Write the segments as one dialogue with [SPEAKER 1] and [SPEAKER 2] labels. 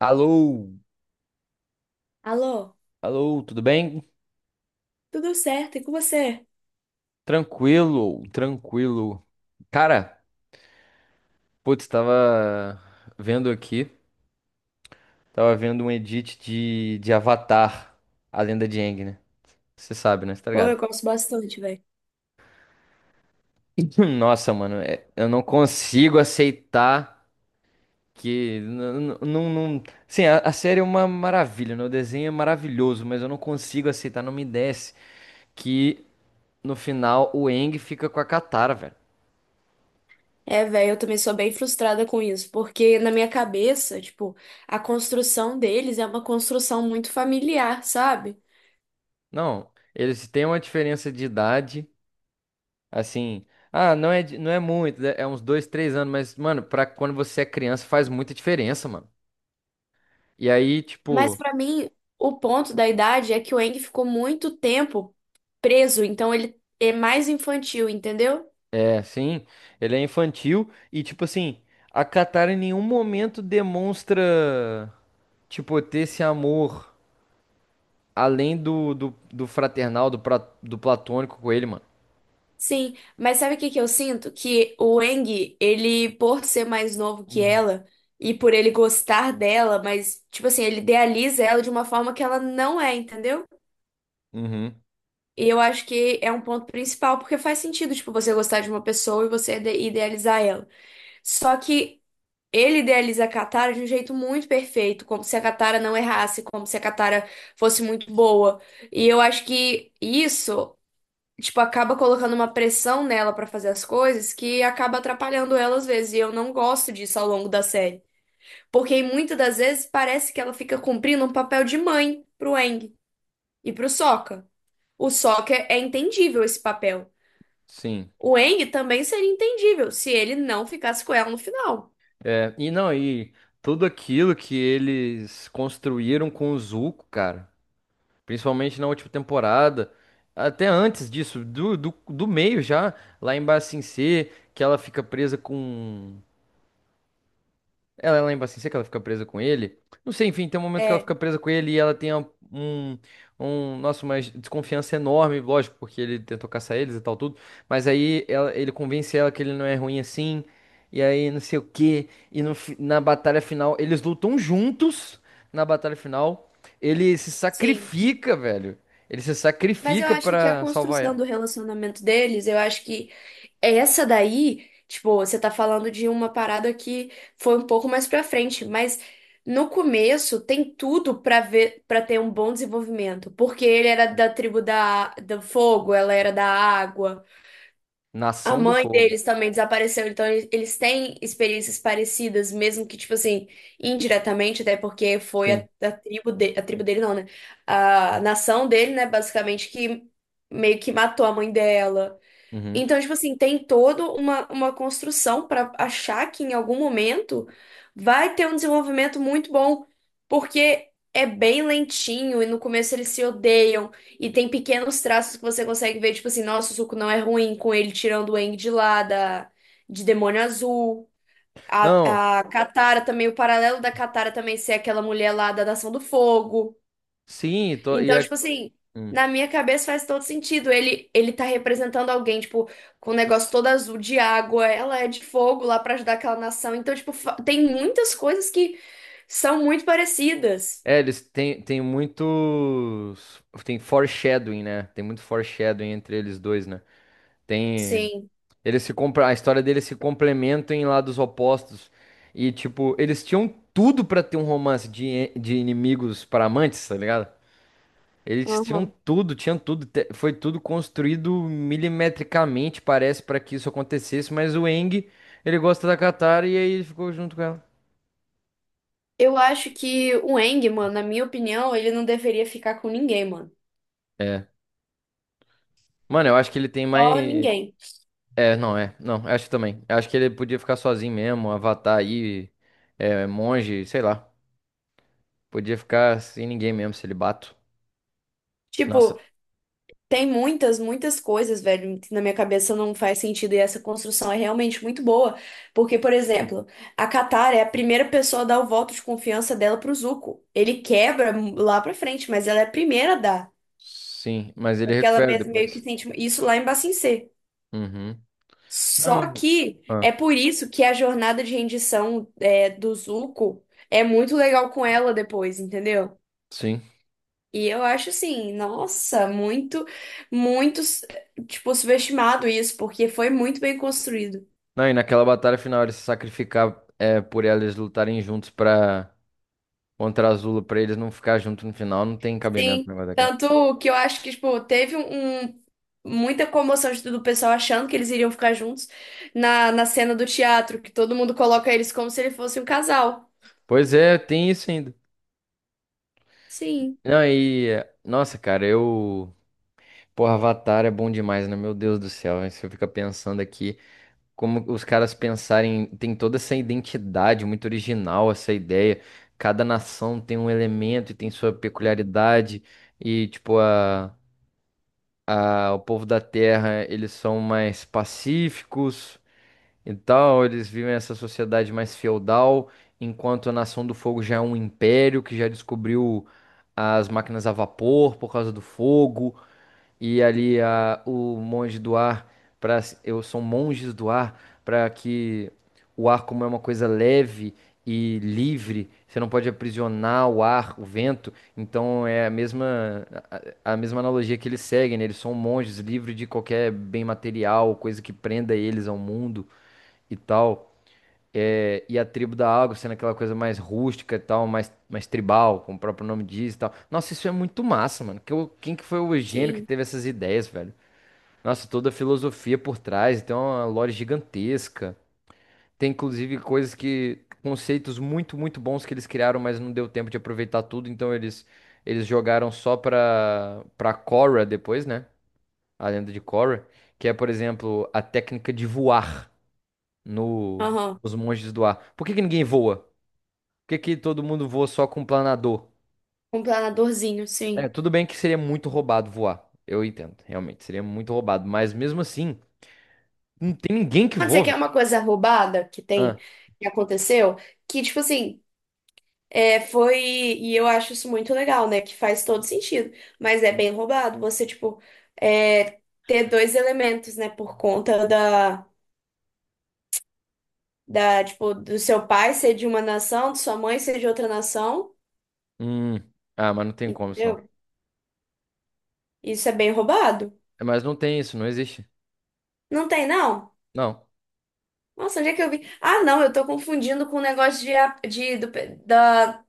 [SPEAKER 1] Alô,
[SPEAKER 2] Alô,
[SPEAKER 1] alô, tudo bem?
[SPEAKER 2] tudo certo? E com você?
[SPEAKER 1] Tranquilo, tranquilo. Cara, putz, tava vendo aqui, tava vendo um edit de Avatar, a lenda de Aang, né? Você sabe, né? Você tá
[SPEAKER 2] Pô,
[SPEAKER 1] ligado?
[SPEAKER 2] eu gosto bastante, velho.
[SPEAKER 1] Nossa, mano, eu não consigo aceitar Não, não, sim, a série é uma maravilha, né? O desenho é maravilhoso, mas eu não consigo aceitar, não me desce que no final o Aang fica com a Katara, velho.
[SPEAKER 2] É, velho, eu também sou bem frustrada com isso, porque na minha cabeça, tipo, a construção deles é uma construção muito familiar, sabe?
[SPEAKER 1] Não, eles têm uma diferença de idade, assim. Ah, não é muito, né, é uns 2, 3 anos, mas, mano, pra quando você é criança faz muita diferença, mano. E aí,
[SPEAKER 2] Mas
[SPEAKER 1] tipo,
[SPEAKER 2] pra mim, o ponto da idade é que o Aang ficou muito tempo preso, então ele é mais infantil, entendeu?
[SPEAKER 1] é, sim, ele é infantil e, tipo assim, a Katara em nenhum momento demonstra, tipo, ter esse amor além do fraternal, do platônico com ele, mano.
[SPEAKER 2] Sim, mas sabe o que que eu sinto? Que o Eng, ele, por ser mais novo que ela e por ele gostar dela, mas, tipo assim, ele idealiza ela de uma forma que ela não é, entendeu?
[SPEAKER 1] Uhum,
[SPEAKER 2] E eu acho que é um ponto principal, porque faz sentido, tipo, você gostar de uma pessoa e você idealizar ela. Só que ele idealiza a Katara de um jeito muito perfeito, como se a Katara não errasse, como se a Katara fosse muito boa. E eu acho que isso tipo, acaba colocando uma pressão nela pra fazer as coisas que acaba atrapalhando ela às vezes. E eu não gosto disso ao longo da série. Porque muitas das vezes parece que ela fica cumprindo um papel de mãe pro Aang e pro Sokka. O Sokka é entendível esse papel.
[SPEAKER 1] sim.
[SPEAKER 2] O Aang também seria entendível se ele não ficasse com ela no final.
[SPEAKER 1] É, e não, e tudo aquilo que eles construíram com o Zuko, cara. Principalmente na última temporada. Até antes disso, do meio já, lá em Ba Sing Se, que ela fica presa com, ela lembra assim, sei que ela fica presa com ele. Não sei, enfim, tem um momento que ela
[SPEAKER 2] É,
[SPEAKER 1] fica presa com ele e ela tem um, nossa, uma desconfiança enorme, lógico, porque ele tentou caçar eles e tal, tudo. Mas aí ele convence ela que ele não é ruim assim, e aí não sei o quê. E no fi- na batalha final, eles lutam juntos na batalha final. Ele se
[SPEAKER 2] sim.
[SPEAKER 1] sacrifica, velho. Ele se
[SPEAKER 2] Mas eu
[SPEAKER 1] sacrifica
[SPEAKER 2] acho que a
[SPEAKER 1] pra salvar
[SPEAKER 2] construção
[SPEAKER 1] ela.
[SPEAKER 2] do relacionamento deles, eu acho que essa daí, tipo, você tá falando de uma parada que foi um pouco mais pra frente, mas no começo tem tudo pra ver, para ter um bom desenvolvimento, porque ele era da tribo da, do fogo, ela era da água. A
[SPEAKER 1] Nação do
[SPEAKER 2] mãe
[SPEAKER 1] Fogo.
[SPEAKER 2] deles também desapareceu, então eles têm experiências parecidas, mesmo que, tipo assim, indiretamente, até porque foi
[SPEAKER 1] Sim.
[SPEAKER 2] a tribo de, a tribo dele não, né? A nação dele, né, basicamente, que meio que matou a mãe dela.
[SPEAKER 1] Uhum.
[SPEAKER 2] Então, tipo assim, tem toda uma construção para achar que em algum momento vai ter um desenvolvimento muito bom, porque é bem lentinho e no começo eles se odeiam e tem pequenos traços que você consegue ver, tipo assim, nossa, o Zuko não é ruim com ele tirando o Aang de lá da, de Demônio Azul.
[SPEAKER 1] Não,
[SPEAKER 2] A Katara também, o paralelo da Katara também ser aquela mulher lá da Nação do Fogo.
[SPEAKER 1] sim, tô, e
[SPEAKER 2] Então,
[SPEAKER 1] a.
[SPEAKER 2] tipo assim,
[SPEAKER 1] Hum.
[SPEAKER 2] na minha cabeça faz todo sentido. Ele tá representando alguém, tipo, com o negócio todo azul de água, ela é de fogo lá pra ajudar aquela nação. Então, tipo, tem muitas coisas que são muito parecidas.
[SPEAKER 1] É, eles têm tem muitos. Tem foreshadowing, né? Tem muito foreshadowing entre eles dois, né? Tem.
[SPEAKER 2] Sim.
[SPEAKER 1] Eles se compra... A história deles se complementam em lados opostos. E, tipo, eles tinham tudo pra ter um romance de, e- de inimigos para amantes, tá ligado? Eles tinham
[SPEAKER 2] Aham.
[SPEAKER 1] tudo, tinham tudo. Foi tudo construído milimetricamente, parece, pra que isso acontecesse. Mas o Eng, ele gosta da Katara e aí ele ficou junto com ela.
[SPEAKER 2] Eu acho que o Eng, mano, na minha opinião, ele não deveria ficar com ninguém, mano.
[SPEAKER 1] É. Mano, eu acho que ele tem
[SPEAKER 2] Só
[SPEAKER 1] mais.
[SPEAKER 2] ninguém.
[SPEAKER 1] É. Não, eu acho que também. Eu acho que ele podia ficar sozinho mesmo, Avatar aí, é, monge, sei lá. Podia ficar sem ninguém mesmo, celibato.
[SPEAKER 2] Tipo,
[SPEAKER 1] Nossa.
[SPEAKER 2] tem muitas, muitas coisas, velho, que na minha cabeça não faz sentido e essa construção é realmente muito boa. Porque, por exemplo, a Catar é a primeira pessoa a dar o voto de confiança dela pro Zuko. Ele quebra lá pra frente, mas ela é a primeira a dar.
[SPEAKER 1] Sim, mas ele
[SPEAKER 2] Porque ela
[SPEAKER 1] recupera
[SPEAKER 2] meio que
[SPEAKER 1] depois.
[SPEAKER 2] sente isso lá em Ba Bacincê.
[SPEAKER 1] Uhum.
[SPEAKER 2] Só
[SPEAKER 1] Não.
[SPEAKER 2] que é
[SPEAKER 1] Ah,
[SPEAKER 2] por isso que a jornada de rendição é, do Zuko é muito legal com ela depois, entendeu?
[SPEAKER 1] sim.
[SPEAKER 2] E eu acho assim, nossa, muito, muito, tipo, subestimado isso, porque foi muito bem construído.
[SPEAKER 1] Não, e naquela batalha final ele se sacrificar é, por eles lutarem juntos pra contra Azula, pra eles não ficar junto no final, não tem cabimento o
[SPEAKER 2] Sim.
[SPEAKER 1] negócio daqui.
[SPEAKER 2] Tanto que eu acho que, tipo, teve muita comoção tudo, o pessoal achando que eles iriam ficar juntos na, na cena do teatro, que todo mundo coloca eles como se ele fosse um casal.
[SPEAKER 1] Pois é, tem isso ainda.
[SPEAKER 2] Sim,
[SPEAKER 1] Não, e. É, nossa, cara, eu. Pô, Avatar é bom demais, né? Meu Deus do céu, hein? Você fica pensando aqui como os caras pensarem, tem toda essa identidade muito original, essa ideia. Cada nação tem um elemento e tem sua peculiaridade e tipo a o povo da Terra, eles são mais pacíficos e tal, eles vivem essa sociedade mais feudal, enquanto a Nação do Fogo já é um império que já descobriu as máquinas a vapor por causa do fogo e ali o monge do ar para eu sou monges do ar para que o ar como é uma coisa leve e livre, você não pode aprisionar o ar, o vento, então é a mesma analogia que eles seguem, né? Eles são monges livres de qualquer bem material, coisa que prenda eles ao mundo e tal. É, e a tribo da água sendo aquela coisa mais rústica e tal, mais tribal, como o próprio nome diz e tal. Nossa, isso é muito massa, mano. Que, quem que foi o gênio que
[SPEAKER 2] sim.
[SPEAKER 1] teve essas ideias, velho? Nossa, toda a filosofia por trás, tem uma lore gigantesca. Tem inclusive coisas que, conceitos muito, muito bons que eles criaram, mas não deu tempo de aproveitar tudo, então eles jogaram só pra Korra depois, né? A lenda de Korra, que é, por exemplo, a técnica de voar no,
[SPEAKER 2] Aham.
[SPEAKER 1] nos monges do ar. Por que que ninguém voa? Por que que todo mundo voa só com planador?
[SPEAKER 2] Um planadorzinho,
[SPEAKER 1] É,
[SPEAKER 2] sim.
[SPEAKER 1] tudo bem que seria muito roubado voar. Eu entendo, realmente, seria muito roubado. Mas mesmo assim, não tem ninguém que
[SPEAKER 2] Mas isso
[SPEAKER 1] voa,
[SPEAKER 2] aqui é
[SPEAKER 1] velho.
[SPEAKER 2] uma coisa roubada que tem,
[SPEAKER 1] Ah,
[SPEAKER 2] que aconteceu, que, tipo assim. É, foi. E eu acho isso muito legal, né? Que faz todo sentido. Mas é bem roubado você, tipo, é, ter dois elementos, né? Por conta da, da, tipo, do seu pai ser de uma nação, de sua mãe ser de outra nação.
[SPEAKER 1] hum. Ah, mas não tem como isso não.
[SPEAKER 2] Entendeu? Isso é bem roubado.
[SPEAKER 1] É, mas não tem isso, não existe.
[SPEAKER 2] Não tem, não?
[SPEAKER 1] Não,
[SPEAKER 2] Nossa, onde é que eu vi? Ah, não, eu tô confundindo com o negócio de, de do, da.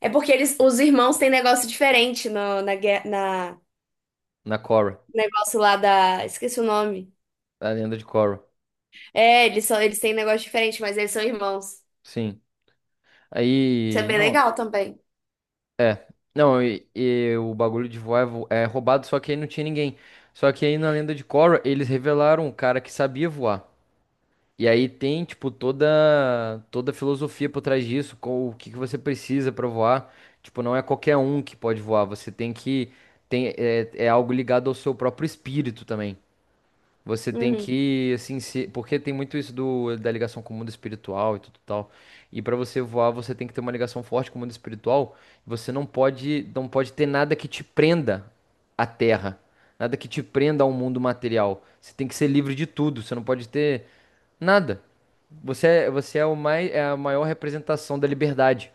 [SPEAKER 2] É porque eles, os irmãos têm negócio diferente no, na, na
[SPEAKER 1] na Korra,
[SPEAKER 2] negócio lá da. Esqueci o nome.
[SPEAKER 1] na lenda de Korra.
[SPEAKER 2] É, eles são, eles têm um negócio diferente, mas eles são irmãos.
[SPEAKER 1] Sim.
[SPEAKER 2] Isso é
[SPEAKER 1] Aí,
[SPEAKER 2] bem
[SPEAKER 1] não,
[SPEAKER 2] legal também.
[SPEAKER 1] é. Não, e, o bagulho de voar é roubado, só que aí não tinha ninguém. Só que aí na lenda de Korra, eles revelaram um cara que sabia voar. E aí tem, tipo, toda a filosofia por trás disso, com o que que você precisa para voar. Tipo, não é qualquer um que pode voar, você tem que tem é algo ligado ao seu próprio espírito também. Você tem
[SPEAKER 2] Uhum,
[SPEAKER 1] que assim, se, porque tem muito isso do da ligação com o mundo espiritual e tudo tal. E para você voar, você tem que ter uma ligação forte com o mundo espiritual. Você não pode ter nada que te prenda à terra. Nada que te prenda ao mundo material. Você tem que ser livre de tudo. Você não pode ter nada. Você é o mais, é a maior representação da liberdade.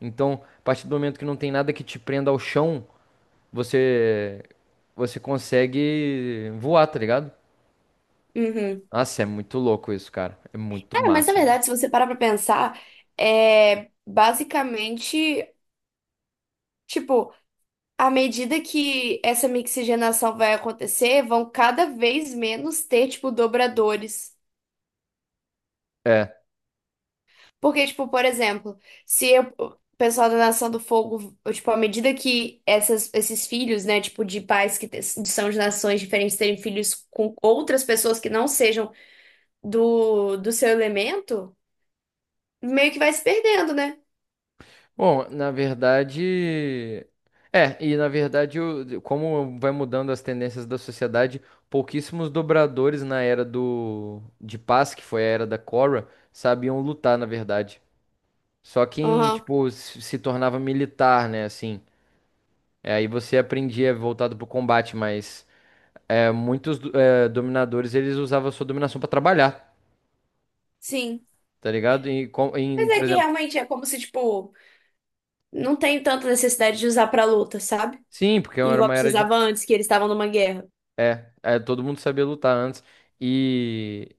[SPEAKER 1] Então, a partir do momento que não tem nada que te prenda ao chão, você você consegue voar, tá ligado?
[SPEAKER 2] uhum.
[SPEAKER 1] Nossa, é muito louco isso, cara. É muito
[SPEAKER 2] É, mas na
[SPEAKER 1] massa, mano.
[SPEAKER 2] verdade, se você parar pra pensar, é basicamente, tipo, à medida que essa mixigenação vai acontecer, vão cada vez menos ter, tipo, dobradores.
[SPEAKER 1] É.
[SPEAKER 2] Porque, tipo, por exemplo, se eu- o pessoal da Nação do Fogo, tipo, à medida que essas, esses filhos, né, tipo, de pais que são de nações diferentes terem filhos com outras pessoas que não sejam do, do seu elemento, meio que vai se perdendo, né?
[SPEAKER 1] Bom, na verdade. É, e na verdade, como vai mudando as tendências da sociedade, pouquíssimos dobradores na era do de paz, que foi a era da Korra, sabiam lutar, na verdade. Só quem,
[SPEAKER 2] Aham,
[SPEAKER 1] tipo, se tornava militar, né, assim. É, aí você aprendia voltado pro combate, mas é, muitos dominadores, eles usavam a sua dominação pra trabalhar,
[SPEAKER 2] sim.
[SPEAKER 1] tá ligado? E, com, em,
[SPEAKER 2] Mas
[SPEAKER 1] por
[SPEAKER 2] é que
[SPEAKER 1] exemplo,
[SPEAKER 2] realmente é como se, tipo, não tem tanta necessidade de usar pra luta, sabe?
[SPEAKER 1] sim, porque era
[SPEAKER 2] Igual
[SPEAKER 1] uma era de...
[SPEAKER 2] precisava antes, que eles estavam numa guerra.
[SPEAKER 1] É, é, todo mundo sabia lutar antes. E,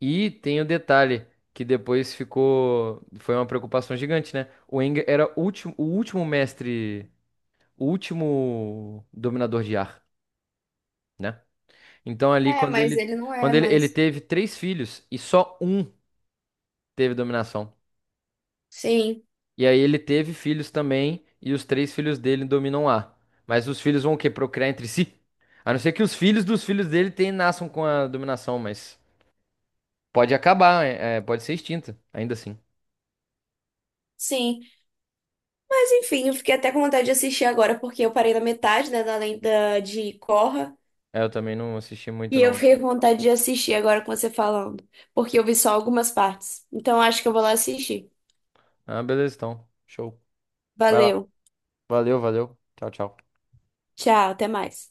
[SPEAKER 1] e tem o detalhe, que depois ficou... Foi uma preocupação gigante, né? O Aang era o último mestre, o último dominador de ar, né? Então ali
[SPEAKER 2] É,
[SPEAKER 1] quando
[SPEAKER 2] mas
[SPEAKER 1] ele
[SPEAKER 2] ele não é
[SPEAKER 1] quando ele, ele
[SPEAKER 2] mais.
[SPEAKER 1] teve três filhos e só um teve dominação.
[SPEAKER 2] Sim,
[SPEAKER 1] E aí ele teve filhos também e os três filhos dele dominam lá. Mas os filhos vão o quê? Procriar entre si? A não ser que os filhos dos filhos dele tem, nasçam com a dominação, mas pode acabar, pode ser extinta, ainda assim.
[SPEAKER 2] sim. Mas enfim, eu fiquei até com vontade de assistir agora, porque eu parei na metade, né, da lenda de Korra.
[SPEAKER 1] É, eu também não assisti muito
[SPEAKER 2] E eu
[SPEAKER 1] não.
[SPEAKER 2] fiquei com vontade de assistir agora com você falando, porque eu vi só algumas partes. Então acho que eu vou lá assistir.
[SPEAKER 1] Ah, beleza, então. Show. Vai lá.
[SPEAKER 2] Valeu.
[SPEAKER 1] Valeu, valeu. Tchau, tchau.
[SPEAKER 2] Tchau, até mais.